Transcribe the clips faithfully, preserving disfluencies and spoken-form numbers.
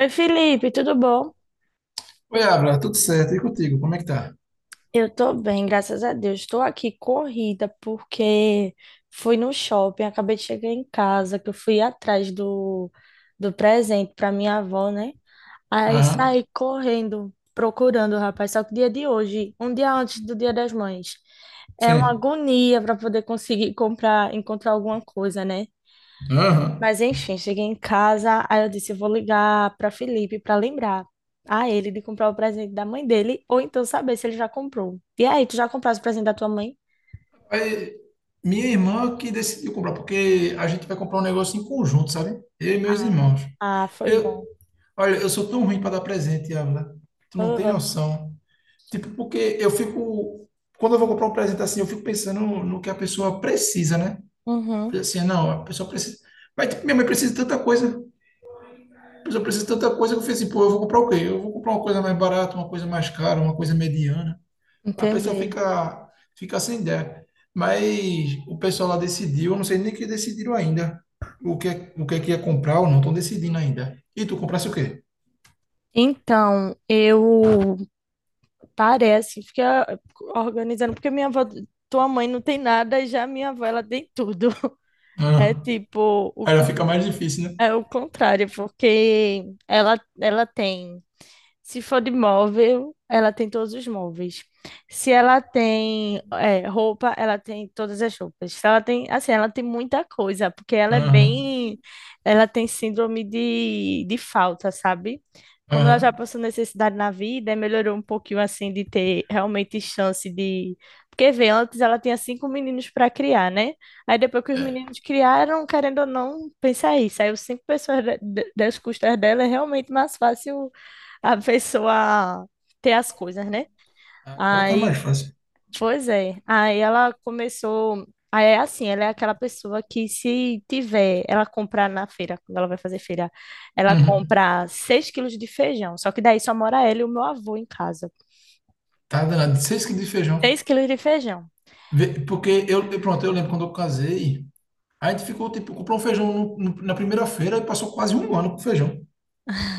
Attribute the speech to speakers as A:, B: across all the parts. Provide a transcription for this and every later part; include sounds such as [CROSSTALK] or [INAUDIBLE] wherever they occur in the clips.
A: Oi, Felipe, tudo bom?
B: Oi, Abra, tudo certo? E contigo, como é que tá?
A: Eu tô bem, graças a Deus. Estou aqui corrida porque fui no shopping, acabei de chegar em casa, que eu fui atrás do, do presente para minha avó, né? Aí
B: Aham,
A: saí correndo, procurando o rapaz, só que dia de hoje, um dia antes do Dia das Mães. É uma
B: sim.
A: agonia para poder conseguir comprar, encontrar alguma coisa, né?
B: Aham.
A: Mas enfim, cheguei em casa, aí eu disse, eu vou ligar para Felipe para lembrar a ele de comprar o presente da mãe dele, ou então saber se ele já comprou. E aí, tu já compraste o presente da tua mãe?
B: Aí, minha irmã que decidiu comprar, porque a gente vai comprar um negócio em conjunto, sabe? Eu e meus irmãos.
A: Ah, foi
B: Eu,
A: bom.
B: olha, eu sou tão ruim para dar presente, Abra. Tu não tem
A: Aham.
B: noção. Tipo, porque eu fico. Quando eu vou comprar um presente assim, eu fico pensando no que a pessoa precisa, né?
A: Uhum.
B: Assim, não, a pessoa precisa. Mas tipo, minha mãe precisa de tanta coisa. A pessoa precisa de tanta coisa que eu falei assim, pô, eu vou comprar o quê? Eu vou comprar uma coisa mais barata, uma coisa mais cara, uma coisa mediana. A pessoa
A: Entendi.
B: fica, fica sem ideia. Mas o pessoal lá decidiu, eu não sei nem que decidiram ainda o que, é- o que é que ia comprar ou não, estão decidindo ainda. E tu comprasse o quê?
A: Então, eu parece assim, fiquei ah, organizando, porque minha avó, tua mãe não tem nada, e já minha avó, ela tem tudo. [LAUGHS] É
B: Ah,
A: tipo, o,
B: aí já
A: con-
B: fica mais difícil, né?
A: é o contrário, porque ela, ela tem. Se for de móvel, ela tem todos os móveis. Se ela tem é, roupa, ela tem todas as roupas. Se ela tem, assim, ela tem muita coisa, porque ela é
B: Aham,
A: bem, ela tem síndrome de, de falta, sabe? Como ela
B: aham.
A: já passou necessidade na vida, melhorou um pouquinho assim de ter realmente chance de. Porque vê, antes ela tinha cinco meninos para criar, né? Aí depois que os meninos criaram, querendo ou não, pensa isso. Aí os cinco pessoas da- da- das custas dela é realmente mais fácil a pessoa ter as coisas, né?
B: Agora tá mais
A: Aí,
B: fácil.
A: pois é. Aí ela começou. Aí é assim, ela é aquela pessoa que se tiver, ela comprar na feira, quando ela vai fazer feira, ela
B: Uhum.
A: compra seis quilos de feijão. Só que daí só mora ela e o meu avô em casa.
B: Tá danado. Seis quilos de feijão.
A: Seis quilos de feijão.
B: Vê- Porque eu, eu- pronto, eu lembro quando eu casei, a gente ficou, tipo, comprou um feijão no- no- na primeira feira e passou quase um ano com feijão.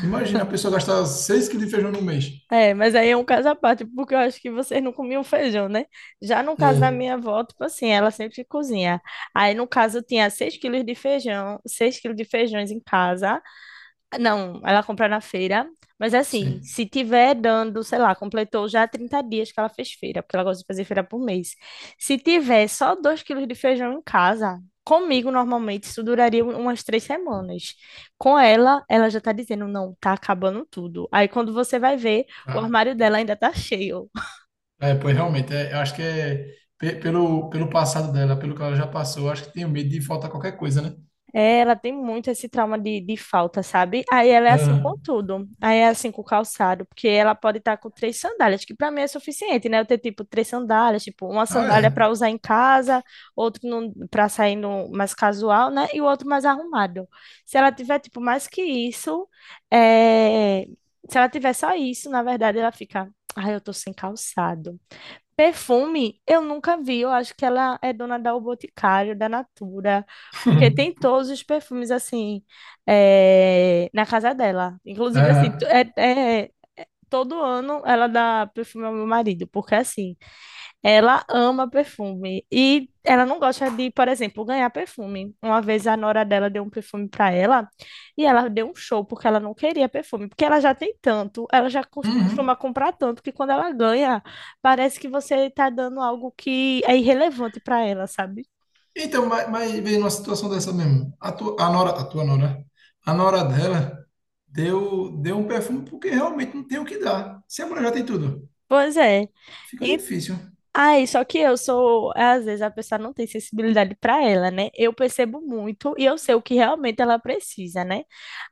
B: Imagina a pessoa gastar seis quilos de feijão no mês.
A: É, mas aí é um caso à parte, porque eu acho que vocês não comiam feijão, né? Já no caso da
B: É.
A: minha avó, tipo assim, ela sempre cozinha. Aí, no caso, eu tinha seis quilos de feijão, seis quilos de feijões em casa. Não, ela compra na feira, mas é assim,
B: Sim.
A: se tiver dando, sei lá, completou já trinta dias que ela fez feira, porque ela gosta de fazer feira por mês. Se tiver só dois quilos de feijão em casa, comigo normalmente isso duraria um- umas três semanas. Com ela, ela já tá dizendo, não, tá acabando tudo. Aí quando você vai ver, o armário dela ainda tá cheio.
B: É, pois realmente, é, eu acho que é pe- pelo, pelo passado dela, pelo que ela já passou, eu acho que tenho medo de faltar qualquer coisa, né?
A: É, ela tem muito esse trauma de, de falta, sabe? Aí ela é assim com
B: Aham.
A: tudo. Aí é assim com o calçado, porque ela pode estar com três sandálias, que para mim é suficiente, né? Eu ter tipo três sandálias, tipo uma
B: Ah,
A: sandália
B: é.
A: para usar em casa, outro para sair no, mais casual, né? E o outro mais arrumado. Se ela tiver tipo mais que isso, é, se ela tiver só isso, na verdade ela fica, ai, eu tô sem calçado. Perfume, eu nunca vi. Eu acho que ela é dona da O Boticário, da Natura, porque tem
B: [LAUGHS]
A: todos os perfumes assim eh, na casa dela. Inclusive assim, tu-
B: Aham.
A: é, é- todo ano ela dá perfume ao meu marido, porque assim, ela ama perfume e ela não gosta de, por exemplo, ganhar perfume. Uma vez a nora dela deu um perfume para ela e ela deu um show porque ela não queria perfume, porque ela já tem tanto, ela já cos-
B: Uhum.
A: costuma comprar tanto que quando ela ganha, parece que você está dando algo que é irrelevante para ela, sabe?
B: Então, mas, mas veio numa situação dessa mesmo. A tua, a nora, a tua nora, a nora dela deu, deu um perfume porque realmente não tem o que dar. Se a mulher já tem tudo,
A: Pois é.
B: fica difícil.
A: Ai, só que eu sou, às vezes a pessoa não tem sensibilidade para ela, né? Eu percebo muito e eu sei o que realmente ela precisa, né?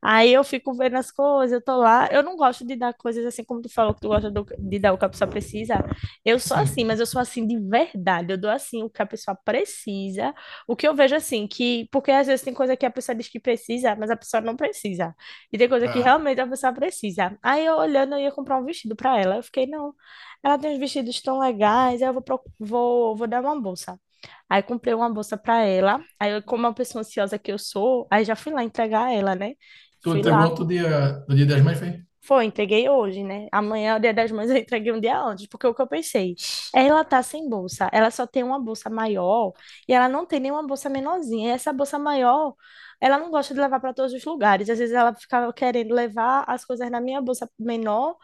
A: Aí eu fico vendo as coisas, eu tô lá, eu não gosto de dar coisas assim como tu falou que tu gosta do- de dar o que a pessoa precisa. Eu sou assim,
B: Sim.
A: mas eu sou assim de verdade. Eu dou assim o que a pessoa precisa, o que eu vejo assim que, porque às vezes tem coisa que a pessoa diz que precisa, mas a pessoa não precisa. E tem coisa que
B: Ah.
A: realmente a pessoa precisa. Aí eu olhando, eu ia comprar um vestido para ela, eu fiquei, não, ela tem uns vestidos tão legais, aí eu vou, procu- vou, vou dar uma bolsa. Aí comprei uma bolsa para ela. Aí, eu, como é uma pessoa ansiosa que eu sou, aí já fui lá entregar ela, né?
B: Tu
A: Fui lá.
B: entregou no dia, no dia das mães, foi?
A: Foi, entreguei hoje, né? Amanhã, o dia das mães, [LAUGHS] eu entreguei um dia antes, porque o que eu pensei, ela tá sem bolsa, ela só tem uma bolsa maior e ela não tem nenhuma bolsa menorzinha. E essa bolsa maior, ela não gosta de levar para todos os lugares. Às vezes ela ficava querendo levar as coisas na minha bolsa menor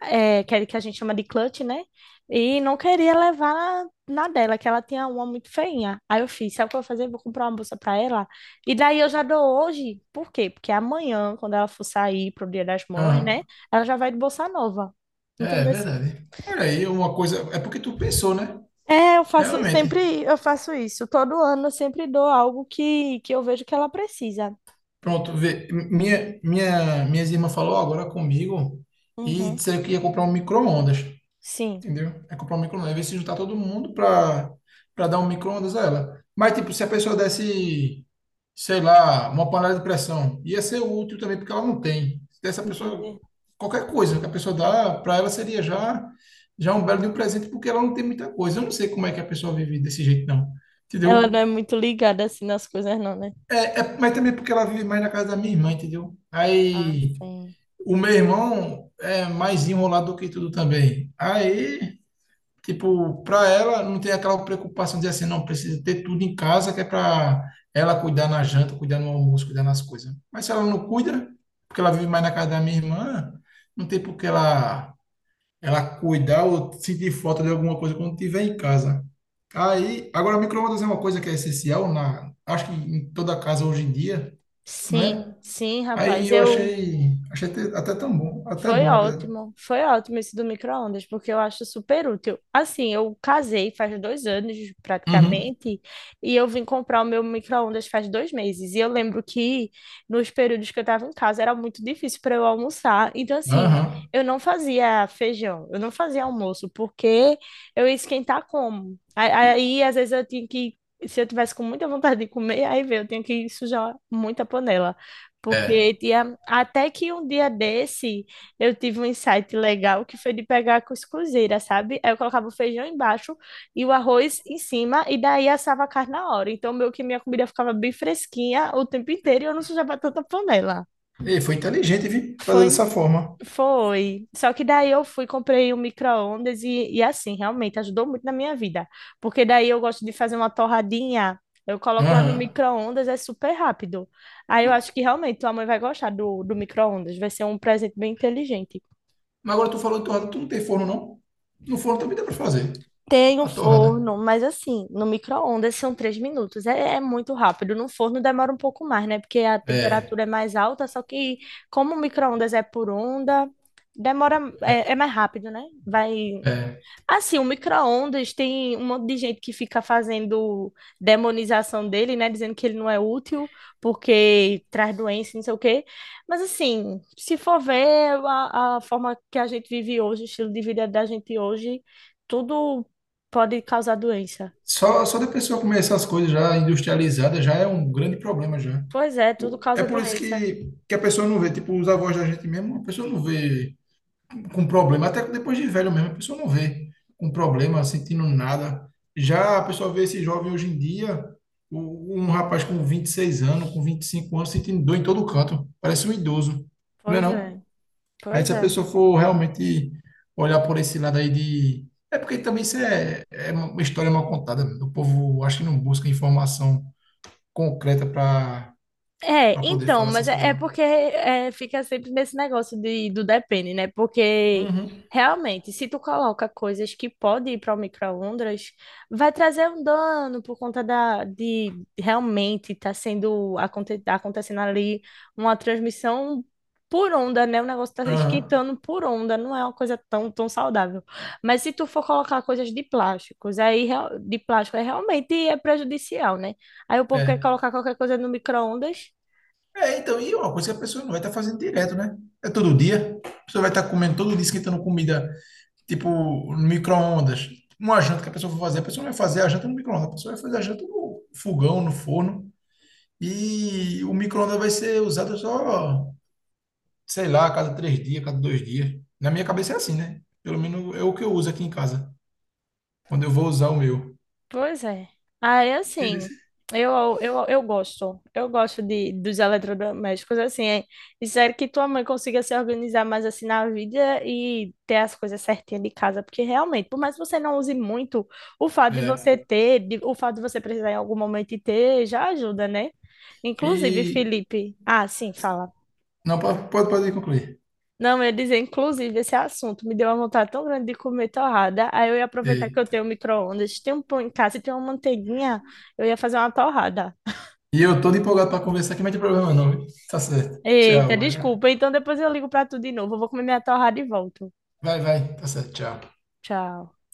A: é, que, é- que a gente chama de clutch, né? E não queria levar na dela, que ela tinha uma muito feinha. Aí eu fiz, sabe o que eu vou fazer? Vou comprar uma bolsa para ela. E daí eu já dou hoje. Por quê? Porque amanhã, quando ela for sair pro Dia das Mães, né?
B: Aham.
A: Ela já vai de bolsa nova.
B: É, é
A: Entendeu? Assim?
B: verdade. Olha aí, uma coisa. É porque tu pensou, né?
A: É, eu faço
B: Realmente.
A: sempre, eu faço isso. Todo ano eu sempre dou algo que, que eu vejo que ela precisa.
B: Pronto, vê, minha, minha, minhas irmãs falou agora comigo e
A: Uhum.
B: disseram que ia comprar um micro-ondas,
A: Sim,
B: entendeu? É comprar um micro-ondas, ver se juntar todo mundo para para dar um micro-ondas a ela. Mas, tipo, se a pessoa desse, sei lá, uma panela de pressão, ia ser útil também, porque ela não tem. Se desse a pessoa,
A: entender.
B: qualquer coisa que a pessoa dá, para ela seria já, já um belo de um presente, porque ela não tem muita coisa. Eu não sei como é que a pessoa vive desse jeito, não,
A: Ela não
B: entendeu?
A: é muito ligada assim nas coisas, não, né?
B: É, é, mas também porque ela vive mais na casa da minha irmã, entendeu? Aí.
A: Sim.
B: O meu irmão é mais enrolado do que tudo também. Aí, tipo, para ela não tem aquela preocupação de assim, não, precisa ter tudo em casa, que é para ela cuidar na janta, cuidar no almoço, cuidar nas coisas. Mas se ela não cuida, porque ela vive mais na casa da minha irmã, não tem por que ela, ela cuidar ou sentir falta de alguma coisa quando estiver em casa. Aí, agora, micro-ondas é uma coisa que é essencial na, acho que em toda casa hoje em dia, não é?
A: Sim, sim,
B: Aí
A: rapaz.
B: eu
A: Eu.
B: achei, achei até, até tão bom, até
A: Foi
B: bom, na verdade.
A: ótimo, foi ótimo esse do micro-ondas, porque eu acho super útil. Assim, eu casei faz dois anos,
B: Uhum.
A: praticamente, e eu vim comprar o meu micro-ondas faz dois meses. E eu lembro que nos períodos que eu estava em casa era muito difícil para eu almoçar. Então, assim,
B: Aham.
A: eu não fazia feijão, eu não fazia almoço, porque eu ia esquentar como? A- Aí, às vezes, eu tinha que. Se eu tivesse com muita vontade de comer, aí veio, eu tinha que sujar muita panela.
B: É.
A: Porque tinha, até que um dia desse eu tive um insight legal que foi de pegar a cuscuzeira, sabe? Aí eu colocava o feijão embaixo e o arroz em cima, e daí assava a carne na hora. Então, meio que minha comida ficava bem fresquinha o tempo inteiro e eu não sujava tanta panela.
B: Ei, foi inteligente, vi, fazer
A: Foi,
B: dessa forma.
A: foi. Só que daí eu fui, comprei um micro-ondas e, e assim, realmente ajudou muito na minha vida. Porque daí eu gosto de fazer uma torradinha. Eu coloco lá no
B: Aham.
A: micro-ondas, é super rápido. Aí eu acho que realmente tua mãe vai gostar do, do micro-ondas. Vai ser um presente bem inteligente.
B: Mas agora tu falou de torrada, tu não tem forno, não? No forno também dá pra fazer.
A: Tem um
B: A torrada.
A: forno, mas assim, no micro-ondas são três minutos. É, é muito rápido. No forno demora um pouco mais, né? Porque a
B: É.
A: temperatura é mais alta, só que como o micro-ondas é por onda, demora,
B: É.
A: é, é mais rápido, né? Vai.
B: É.
A: Assim, o micro-ondas tem um monte de gente que fica fazendo demonização dele, né? Dizendo que ele não é útil porque traz doença, não sei o quê. Mas, assim, se for ver a, a forma que a gente vive hoje, o estilo de vida da gente hoje, tudo pode causar doença.
B: Só, só da pessoa comer essas coisas já industrializadas já é um grande problema já.
A: Pois é, tudo
B: É
A: causa
B: por isso
A: doença.
B: que, que a pessoa não vê, tipo, os avós da gente mesmo, a pessoa não vê com problema, até que depois de velho mesmo, a pessoa não vê com problema, sentindo nada. Já a pessoa vê esse jovem hoje em dia, o- um rapaz com vinte e seis anos, com vinte e cinco anos, sentindo dor em todo canto, parece um idoso, não é
A: Pois é,
B: não? Aí
A: pois
B: se a
A: é.
B: pessoa for realmente olhar por esse lado aí de... É porque também isso é, é uma história mal contada, o povo acho que não busca informação concreta para
A: É,
B: para poder
A: então,
B: falar
A: mas
B: essas
A: é,
B: coisas,
A: é
B: não.
A: porque é, fica sempre nesse negócio de, do depende, né? Porque
B: Uhum.
A: realmente, se tu coloca coisas que podem ir para o micro-ondas, vai trazer um dano por conta da, de realmente estar sendo aconte, tá acontecendo ali uma transmissão por onda, né? O negócio tá
B: Aham.
A: esquentando por onda, não é uma coisa tão, tão saudável. Mas se tu for colocar coisas de plásticos, aí real- de plástico, aí realmente é prejudicial, né? Aí o povo quer
B: É.
A: colocar qualquer coisa no micro-ondas.
B: É, então, e é uma coisa que a pessoa não vai estar fazendo direto, né? É todo dia. A pessoa vai estar comendo todo dia, esquentando comida, tipo, no micro-ondas. Uma janta que a pessoa for fazer, a pessoa não vai fazer a janta no micro-ondas, a pessoa vai fazer a janta no fogão, no forno. E o micro-ondas vai ser usado só, sei lá, a cada três dias, a cada dois dias. Na minha cabeça é assim, né? Pelo menos é o que eu uso aqui em casa, quando eu vou usar o meu.
A: Pois é. Aí,
B: Entendeu?
A: assim, eu, eu, eu gosto. Eu gosto de, dos eletrodomésticos, assim. É, espero que tua mãe consiga se organizar mais, assim, na vida e ter as coisas certinhas de casa. Porque, realmente, por mais que você não use muito, o fato de
B: É.
A: você ter, de- o fato de você precisar em algum momento e ter, já ajuda, né? Inclusive,
B: E.
A: Felipe... Ah, sim, fala.
B: Não, pode, pode pode concluir.
A: Não, eu ia dizer, inclusive, esse assunto me deu uma vontade tão grande de comer torrada. Aí eu ia aproveitar que eu
B: É,
A: tenho um micro-ondas, tem um pão em casa e tem uma manteiguinha, eu ia fazer uma torrada.
B: e eu todo empolgado para conversar, que não tem problema não. Tá certo.
A: Eita,
B: Tchau, vai lá.
A: desculpa. Então depois eu ligo pra tu de novo. Eu vou comer minha torrada e volto.
B: Vai, vai. Tá certo, tchau.
A: Tchau.